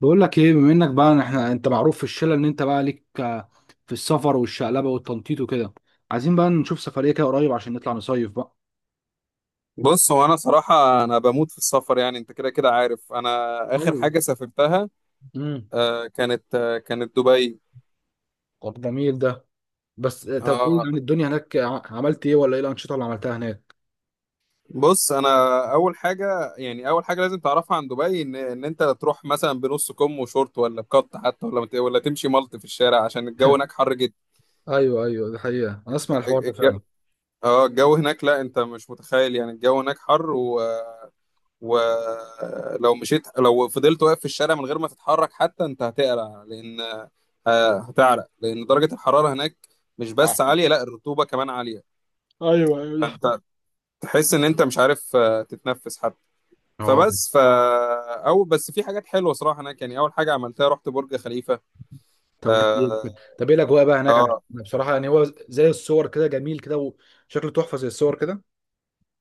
بقول لك ايه، بما انك بقى احنا انت معروف في الشله ان انت بقى ليك في السفر والشقلبه والتنطيط وكده. عايزين بقى نشوف سفريه كده قريب عشان نطلع نصيف بقى. بص، هو انا صراحه انا بموت في السفر. يعني انت كده كده عارف انا. اخر ايوه. حاجه سافرتها امم كانت كانت دبي. طب جميل ده. بس طب ايه آه، يعني الدنيا هناك عملت ايه، ولا ايه الانشطه اللي عملتها هناك؟ بص انا، اول حاجه، يعني اول حاجه لازم تعرفها عن دبي، ان انت تروح مثلا بنص كم وشورت، ولا بقط حتى، ولا ولا تمشي ملط في الشارع، عشان الجو هناك حر جدا. ايوه، ايوه، دي حقيقه انا اسمع الحوار ده الج- فعلا. اه الجو هناك، لا انت مش متخيل. يعني الجو هناك حر، ولو مشيت، لو فضلت واقف في الشارع من غير ما تتحرك حتى، انت هتقلع، لان هتعرق، لان درجة الحرارة هناك مش بس عالية، لا الرطوبة كمان عالية. ايوه، ايوه، دي حقيقة. فانت تحس ان انت مش عارف تتنفس حتى. اه. فبس ف او بس في حاجات حلوه صراحه هناك. يعني اول حاجه عملتها رحت برج خليفه. طب جميل جدا. طب ايه الاجواء بقى هناك؟ انا اه بصراحه يعني هو زي الصور كده جميل كده. وشكله تحفه زي الصور كده.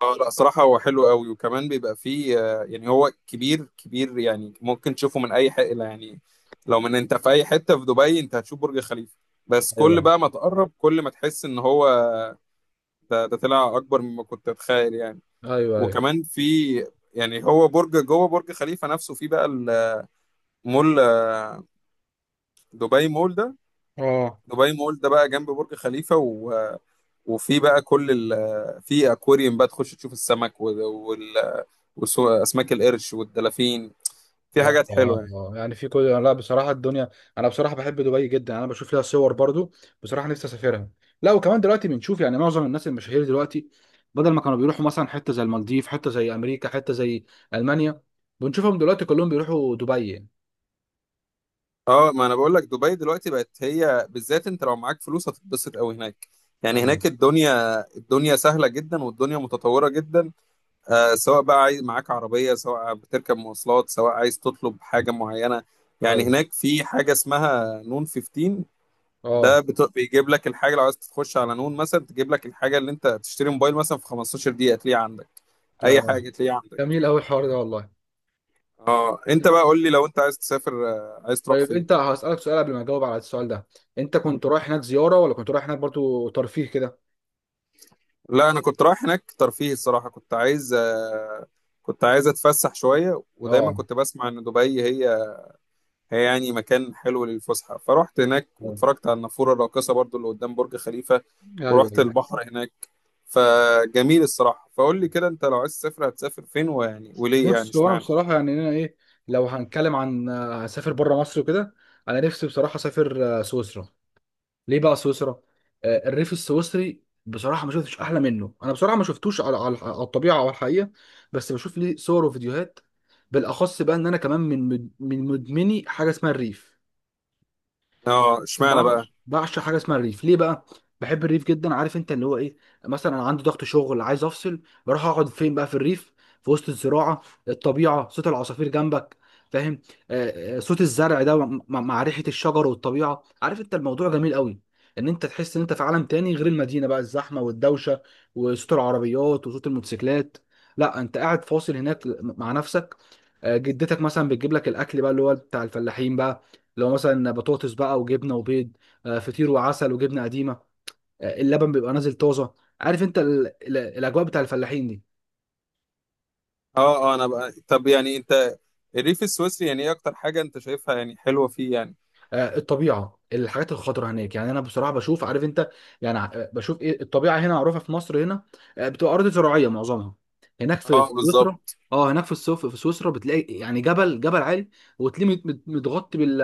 اه، لا صراحة هو حلو قوي، وكمان بيبقى فيه يعني هو كبير كبير. يعني ممكن تشوفه من أي، حقيقة يعني، لو من أنت في أي حتة في دبي أنت هتشوف برج خليفة. بس كل ايوه، بقى ما تقرب، كل ما تحس إن هو ده طلع أكبر مما كنت أتخيل يعني. ايوه، ايوه. وكمان في، يعني هو برج، جوه برج خليفة نفسه في بقى المول، دبي مول ده. اه، دبي مول ده بقى جنب برج خليفة و... وفي بقى كل ال... في أكواريوم بقى تخش تشوف السمك، وال... وال... أسماك القرش والدلافين. في اه، حاجات اه، حلوه يعني. اه، يعني في كل، لا بصراحه الدنيا. انا بصراحه بحب دبي جدا. انا بشوف لها صور برضو. بصراحه نفسي اسافرها. لا، وكمان دلوقتي بنشوف يعني معظم الناس المشاهير دلوقتي بدل ما كانوا بيروحوا مثلا حته زي المالديف، حته زي امريكا، حته زي المانيا، بنشوفهم دلوقتي كلهم بيروحوا دبي يعني. اه، ما انا بقول لك، دبي دلوقتي بقت هي بالذات، انت لو معاك فلوس هتتبسط قوي هناك. يعني ايوه، هناك الدنيا، الدنيا سهله جدا، والدنيا متطوره جدا. آه، سواء بقى عايز معاك عربيه، سواء بتركب مواصلات، سواء عايز تطلب حاجه معينه. يعني ايوه، هناك في حاجه اسمها نون 15. اه، بيجيب لك الحاجه. لو عايز تخش على نون مثلا، تجيب لك الحاجه اللي انت تشتري، موبايل مثلا، في 15 دقيقه تلاقيها عندك. اي آه. حاجه تلاقيها عندك. جميل قوي الحوار ده والله. اه، انت بقى قول لي، لو انت عايز تسافر عايز تروح طيب فين؟ انت هسألك سؤال قبل ما اجاوب على السؤال ده. انت كنت رايح هناك زياره ولا كنت رايح هناك برضو ترفيه كده؟ لا انا كنت رايح هناك ترفيه الصراحه. كنت عايز كنت عايز اتفسح شويه. ودايما اه، كنت بسمع ان دبي هي، يعني مكان حلو للفسحه. فروحت هناك واتفرجت على النافوره الراقصه برضو اللي قدام برج خليفه، ايوه، ورحت ايوه. البحر هناك. فجميل الصراحه. فقول لي كده، انت لو عايز تسافر هتسافر فين؟ ويعني وليه؟ يعني بص هو انا اشمعنى؟ بصراحه يعني انا ايه، لو هنتكلم عن هسافر بره مصر وكده. انا نفسي بصراحه اسافر سويسرا. ليه بقى سويسرا؟ الريف السويسري بصراحه ما شفتش احلى منه. انا بصراحه ما شفتوش على الطبيعه او الحقيقه. بس بشوف ليه صور وفيديوهات. بالاخص بقى ان انا كمان من مدمني حاجه اسمها الريف. اه، اشمعنى بع- بقى؟ بعشق حاجه اسمها الريف. ليه بقى؟ بحب الريف جدا، عارف انت اللي هو ايه. مثلا انا عندي ضغط شغل عايز افصل. بروح اقعد فين بقى؟ في الريف، في وسط الزراعه، الطبيعه، صوت العصافير جنبك. فاهم؟ صوت الزرع ده، مع ريحه الشجر والطبيعه. عارف انت الموضوع جميل قوي، ان انت تحس ان انت في عالم تاني غير المدينه بقى، الزحمه والدوشه وصوت العربيات وصوت الموتوسيكلات. لا، انت قاعد فاصل هناك مع نفسك. جدتك مثلا بتجيب لك الاكل بقى، اللي هو بتاع الفلاحين بقى. لو مثلا بطاطس بقى وجبنه وبيض، فطير وعسل وجبنه قديمه. اللبن بيبقى نازل طازه. عارف انت الاجواء بتاع الفلاحين دي. اه اه، انا بقى، طب يعني انت الريف السويسري، يعني ايه اكتر حاجه انت شايفها يعني حلوه فيه يعني؟ الطبيعه، الحاجات الخضراء هناك يعني انا بصراحه بشوف. عارف انت، يعني بشوف ايه. الطبيعه هنا معروفه في مصر هنا، بتبقى ارض زراعيه معظمها. هناك في اه سويسرا. بالظبط. اه، هناك في السوف في سويسرا بتلاقي يعني جبل جبل عالي، وتلاقيه متغطي بال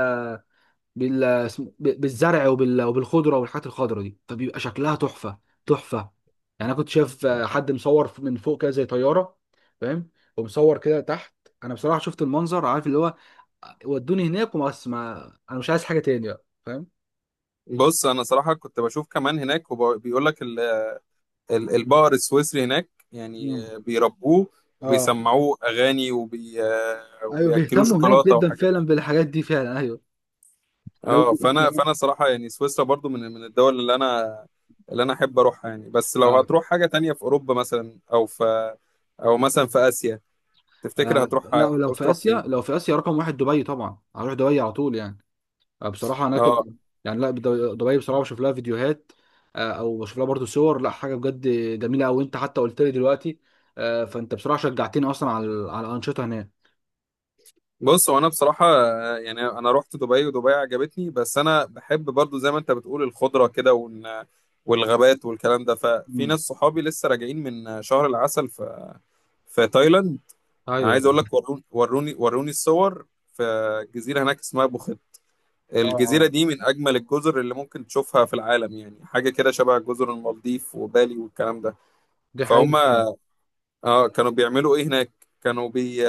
بال... اسم- ب- بالزرع وبالخضره والحاجات الخضره دي فبيبقى شكلها تحفه. تحفه. يعني انا كنت شايف حد مصور من فوق كده زي طياره. فاهم؟ ومصور كده تحت. انا بصراحه شفت المنظر، عارف اللي هو، ودوني هناك وبس، ما انا مش عايز حاجه تاني بقى، فاهم؟ بص انا صراحه كنت بشوف كمان هناك، وبيقول لك البقر السويسري هناك يعني مم. بيربوه اه. وبيسمعوه اغاني، ايوه، وبياكلوه بيهتموا هناك شوكولاته جدا وحاجات. فعلا بالحاجات دي فعلا ايوه. لو اه، فانا كمان. فانا صراحه يعني سويسرا برضو من الدول اللي انا، احب اروحها يعني. بس لو آه. هتروح حاجه تانية، في اوروبا مثلا، او في، او مثلا في اسيا، تفتكر آه. هتروح، لا، ولو هتعوز في تروح اسيا، فين؟ لو في اسيا رقم واحد دبي طبعا، هروح دبي على طول يعني. بصراحه هناك اه. يعني لا، دبي بصراحه بشوف لها فيديوهات. او بشوف لها برضو صور، لا حاجه بجد جميله قوي. انت حتى قلت لي دلوقتي فانت بصراحه شجعتني اصلا على الانشطه هناك. بص، هو انا بصراحه يعني انا رحت دبي ودبي عجبتني. بس انا بحب برضو، زي ما انت بتقول، الخضره كده والغابات والكلام ده. ففي مم. ناس صحابي لسه راجعين من شهر العسل في، في تايلاند. انا ايوه، عايز ايوه، اقول لك، وروني وروني وروني الصور. في جزيره هناك اسمها بوخيت. اه، الجزيره اه، دي من اجمل الجزر اللي ممكن تشوفها في العالم يعني. حاجه كده شبه جزر المالديف وبالي والكلام ده. دي حقيقه فهم. فعلا. اه، كانوا بيعملوا ايه هناك؟ كانوا بي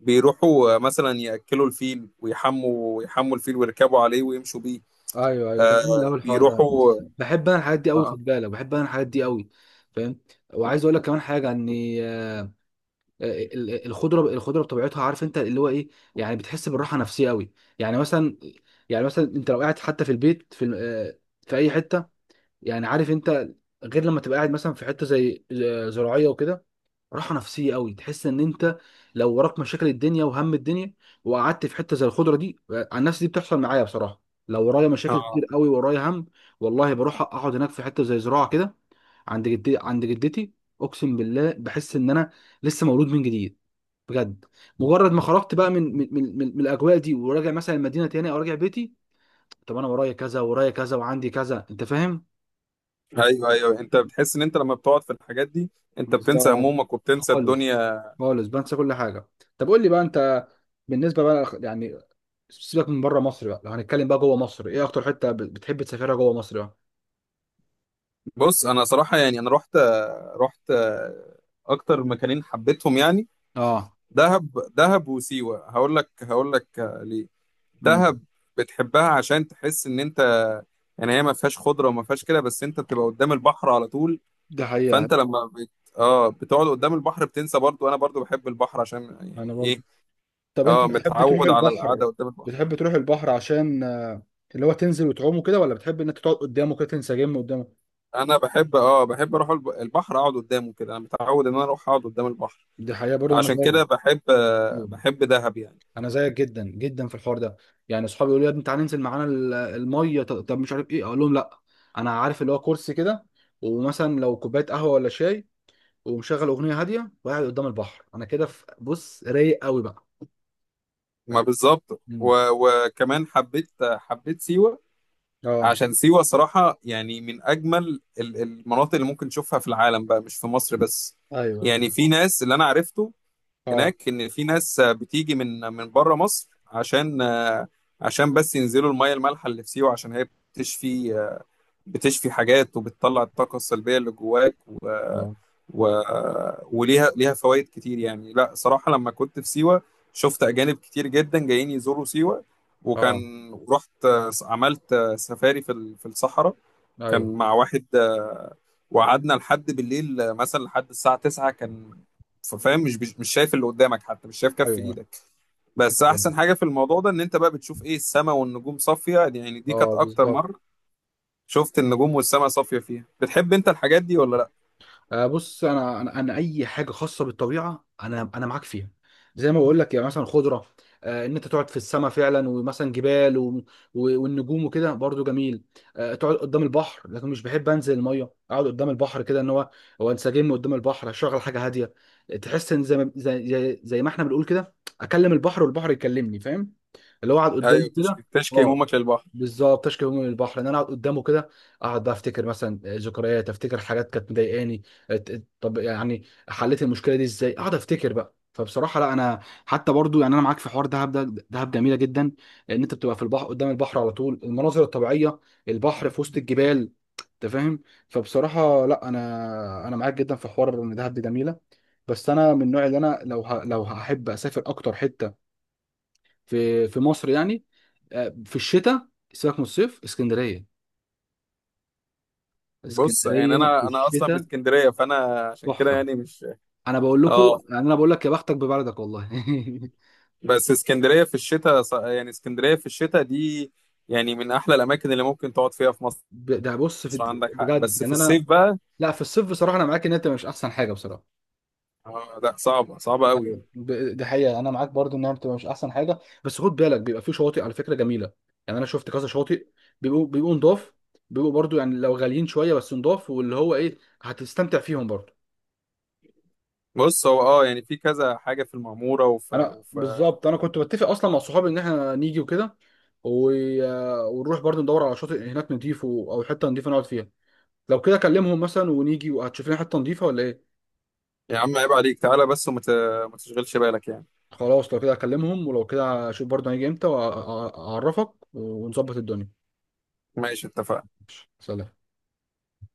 بيروحوا مثلا يأكلوا الفيل، ويحموا الفيل ويركبوا عليه ويمشوا بيه. ايوه، ايوه، جميل آه قوي الحوار ده. بيروحوا بحب انا الحاجات دي قوي، آه. خد بالك، بحب انا الحاجات دي قوي. فاهم؟ وعايز اقول لك كمان حاجه اني الخضره الخضره بطبيعتها، عارف انت اللي هو ايه. يعني بتحس بالراحه نفسيه قوي. يعني مثلا، يعني مثلا انت لو قاعد حتى في البيت في ال- آه، في اي حته، يعني عارف انت، غير لما تبقى قاعد مثلا في حته زي زراعيه وكده، راحه نفسيه قوي. تحس ان انت لو وراك مشاكل الدنيا وهم الدنيا، وقعدت في حته زي الخضره دي، عن نفسي دي بتحصل معايا بصراحه. لو ورايا مشاكل آه كتير قوي، ورايا هم، والله بروح اقعد هناك في حته زي زراعه كده، عند جدتي، عند جدتي. اقسم بالله بحس ان انا لسه مولود من جديد. بجد. مجرد ما خرجت بقى من الاجواء دي وراجع مثلا المدينه تاني او راجع بيتي، طب انا ورايا كذا، ورايا كذا، وعندي كذا، انت فاهم؟ ايوه ايوه، انت بتحس ان انت لما بتقعد في الحاجات دي، انت بتنسى بالظبط. همومك وبتنسى خالص. الدنيا. خالص بنسى كل حاجه. طب قول لي بقى انت، بالنسبه بقى يعني، سيبك من بره مصر بقى، لو هنتكلم بقى جوه مصر، ايه اكتر حته بتحب تسافرها جوه مصر بقى؟ بص انا صراحة، يعني انا رحت اكتر مكانين حبيتهم يعني، اه. دهب. دهب وسيوة. هقول لك، ليه. امم دهب بتحبها عشان تحس ان انت، يعني هي ما فيهاش خضره وما فيهاش كده، بس انت بتبقى قدام البحر على طول. ده حقيقه. فانت لما بت... اه، بتقعد قدام البحر بتنسى. برضو انا برضو بحب البحر عشان انا يعني ايه. برضو. طب انت اه، بتحب تروح متعود على البحر؟ القعده قدام البحر. بتحب تروح البحر عشان اللي هو تنزل وتعوم كده، ولا بتحب انك تقعد قدامه كده تنسجم قدامه؟ انا بحب، اه، بحب اروح البحر، اقعد قدامه كده. انا متعود ان انا اروح اقعد قدام البحر. دي حقيقة برضه، انا عشان زيك. كده بحب آه، بحب دهب يعني. انا زيك جدا جدا في الحوار ده. يعني اصحابي يقولوا لي يا ابني تعالى ننزل معانا الميه، طب مش عارف ايه، اقول لهم لا. انا عارف اللي هو كرسي كده، ومثلا لو كوبايه قهوه ولا شاي، ومشغل اغنيه هاديه وقاعد قدام البحر، انا كده بص رايق قوي بقى. ما فاهم؟ بالظبط. مم. و... وكمان حبيت، سيوه. اه، عشان سيوه صراحه يعني، من اجمل المناطق اللي ممكن تشوفها في العالم بقى، مش في مصر بس. ايوه، ايوه، يعني في ناس اللي انا عرفته اه، هناك، ان في ناس بتيجي من بره مصر، عشان بس ينزلوا الميه المالحه اللي في سيوه، عشان هي بتشفي. حاجات، وبتطلع الطاقه السلبيه اللي جواك، و اه، و وليها، فوائد كتير يعني. لا صراحه، لما كنت في سيوه شفت اجانب كتير جدا جايين يزوروا سيوه. وكان، اه، رحت عملت سفاري في في الصحراء. ايوه، كان مع واحد، وقعدنا لحد بالليل، مثلا لحد الساعة 9 كان. فاهم، مش شايف اللي قدامك، حتى مش شايف كف ايوه، ايدك. بس أيوة. احسن حاجة في الموضوع ده، ان انت بقى بتشوف ايه السماء والنجوم صافية. يعني دي كانت اه، اكتر بالظبط. مرة شفت النجوم والسماء صافية فيها. بتحب انت الحاجات دي ولا لا؟ بص انا اي حاجه خاصه بالطبيعه انا معاك فيها. زي ما بقول لك يعني مثلا خضره، ان انت تقعد في السماء فعلا ومثلا جبال والنجوم وكده برضو جميل. تقعد قدام البحر، لكن مش بحب انزل الميه، اقعد قدام البحر كده، ان هو، هو انسجم قدام البحر، اشغل حاجه هاديه، تحس ان زي ما احنا بنقول كده، اكلم البحر والبحر يكلمني، فاهم؟ اللي هو اقعد قدامه ايوه، تشكي كده. اه، همومك للبحر. بالظبط. تشكي من البحر ان انا اقعد قدامه كده. اقعد بقى افتكر مثلا ذكريات، افتكر حاجات كانت مضايقاني. ات- طب يعني حليت المشكله دي ازاي، اقعد افتكر بقى، فبصراحه لا، انا حتى برضو يعني انا معاك في حوار دهب ده، دهب جميله جدا، ان انت بتبقى في البحر، قدام البحر على طول، المناظر الطبيعيه، البحر في وسط الجبال. انت فاهم؟ فبصراحه لا، انا معاك جدا في حوار ان دهب دي جميله. بس انا من النوع اللي انا لو هحب اسافر اكتر حته في مصر يعني، في الشتاء سيبك من الصيف، اسكندريه، بص، يعني اسكندريه في انا اصلا من الشتاء. اسكندرية، فانا عشان كده تحفه. يعني مش. انا بقول لكم، اه. يعني انا بقول لك يا بختك ببلدك والله. بس اسكندرية في الشتاء، يعني اسكندرية في الشتاء دي، يعني من احلى الاماكن اللي ممكن تقعد فيها في مصر. ده بص في، مصر عندك حق، بجد بس في يعني انا، الصيف بقى، لا في الصيف بصراحه انا معاك ان انت مش احسن حاجه بصراحه. اه لا صعبة صعبة قوي. أيوة. ده حقيقه، انا معاك برضو انها بتبقى مش احسن حاجه. بس خد بالك، بيبقى في شواطئ على فكره جميله. يعني انا شفت كذا شواطئ، بيبقوا نضاف، بيبقوا برضو يعني لو غاليين شويه بس نضاف، واللي هو ايه، هتستمتع فيهم برضو. بص، هو اه يعني في كذا حاجة في المعمورة وف... انا وف... بالظبط، انا كنت بتفق اصلا مع صحابي ان احنا نيجي وكده و... ونروح برضه ندور على شاطئ هناك نضيف او حته نضيفه نقعد فيها. لو كده اكلمهم مثلا ونيجي وهتشوف لنا حته نضيفه ولا ايه؟ يا عم، عيب عليك، تعالى بس، وما ت... ما تشغلش بالك يعني. خلاص، لو كده اكلمهم ولو كده اشوف برضه هنيجي امتى واعرفك ونظبط الدنيا. ماشي، اتفقنا. سلام.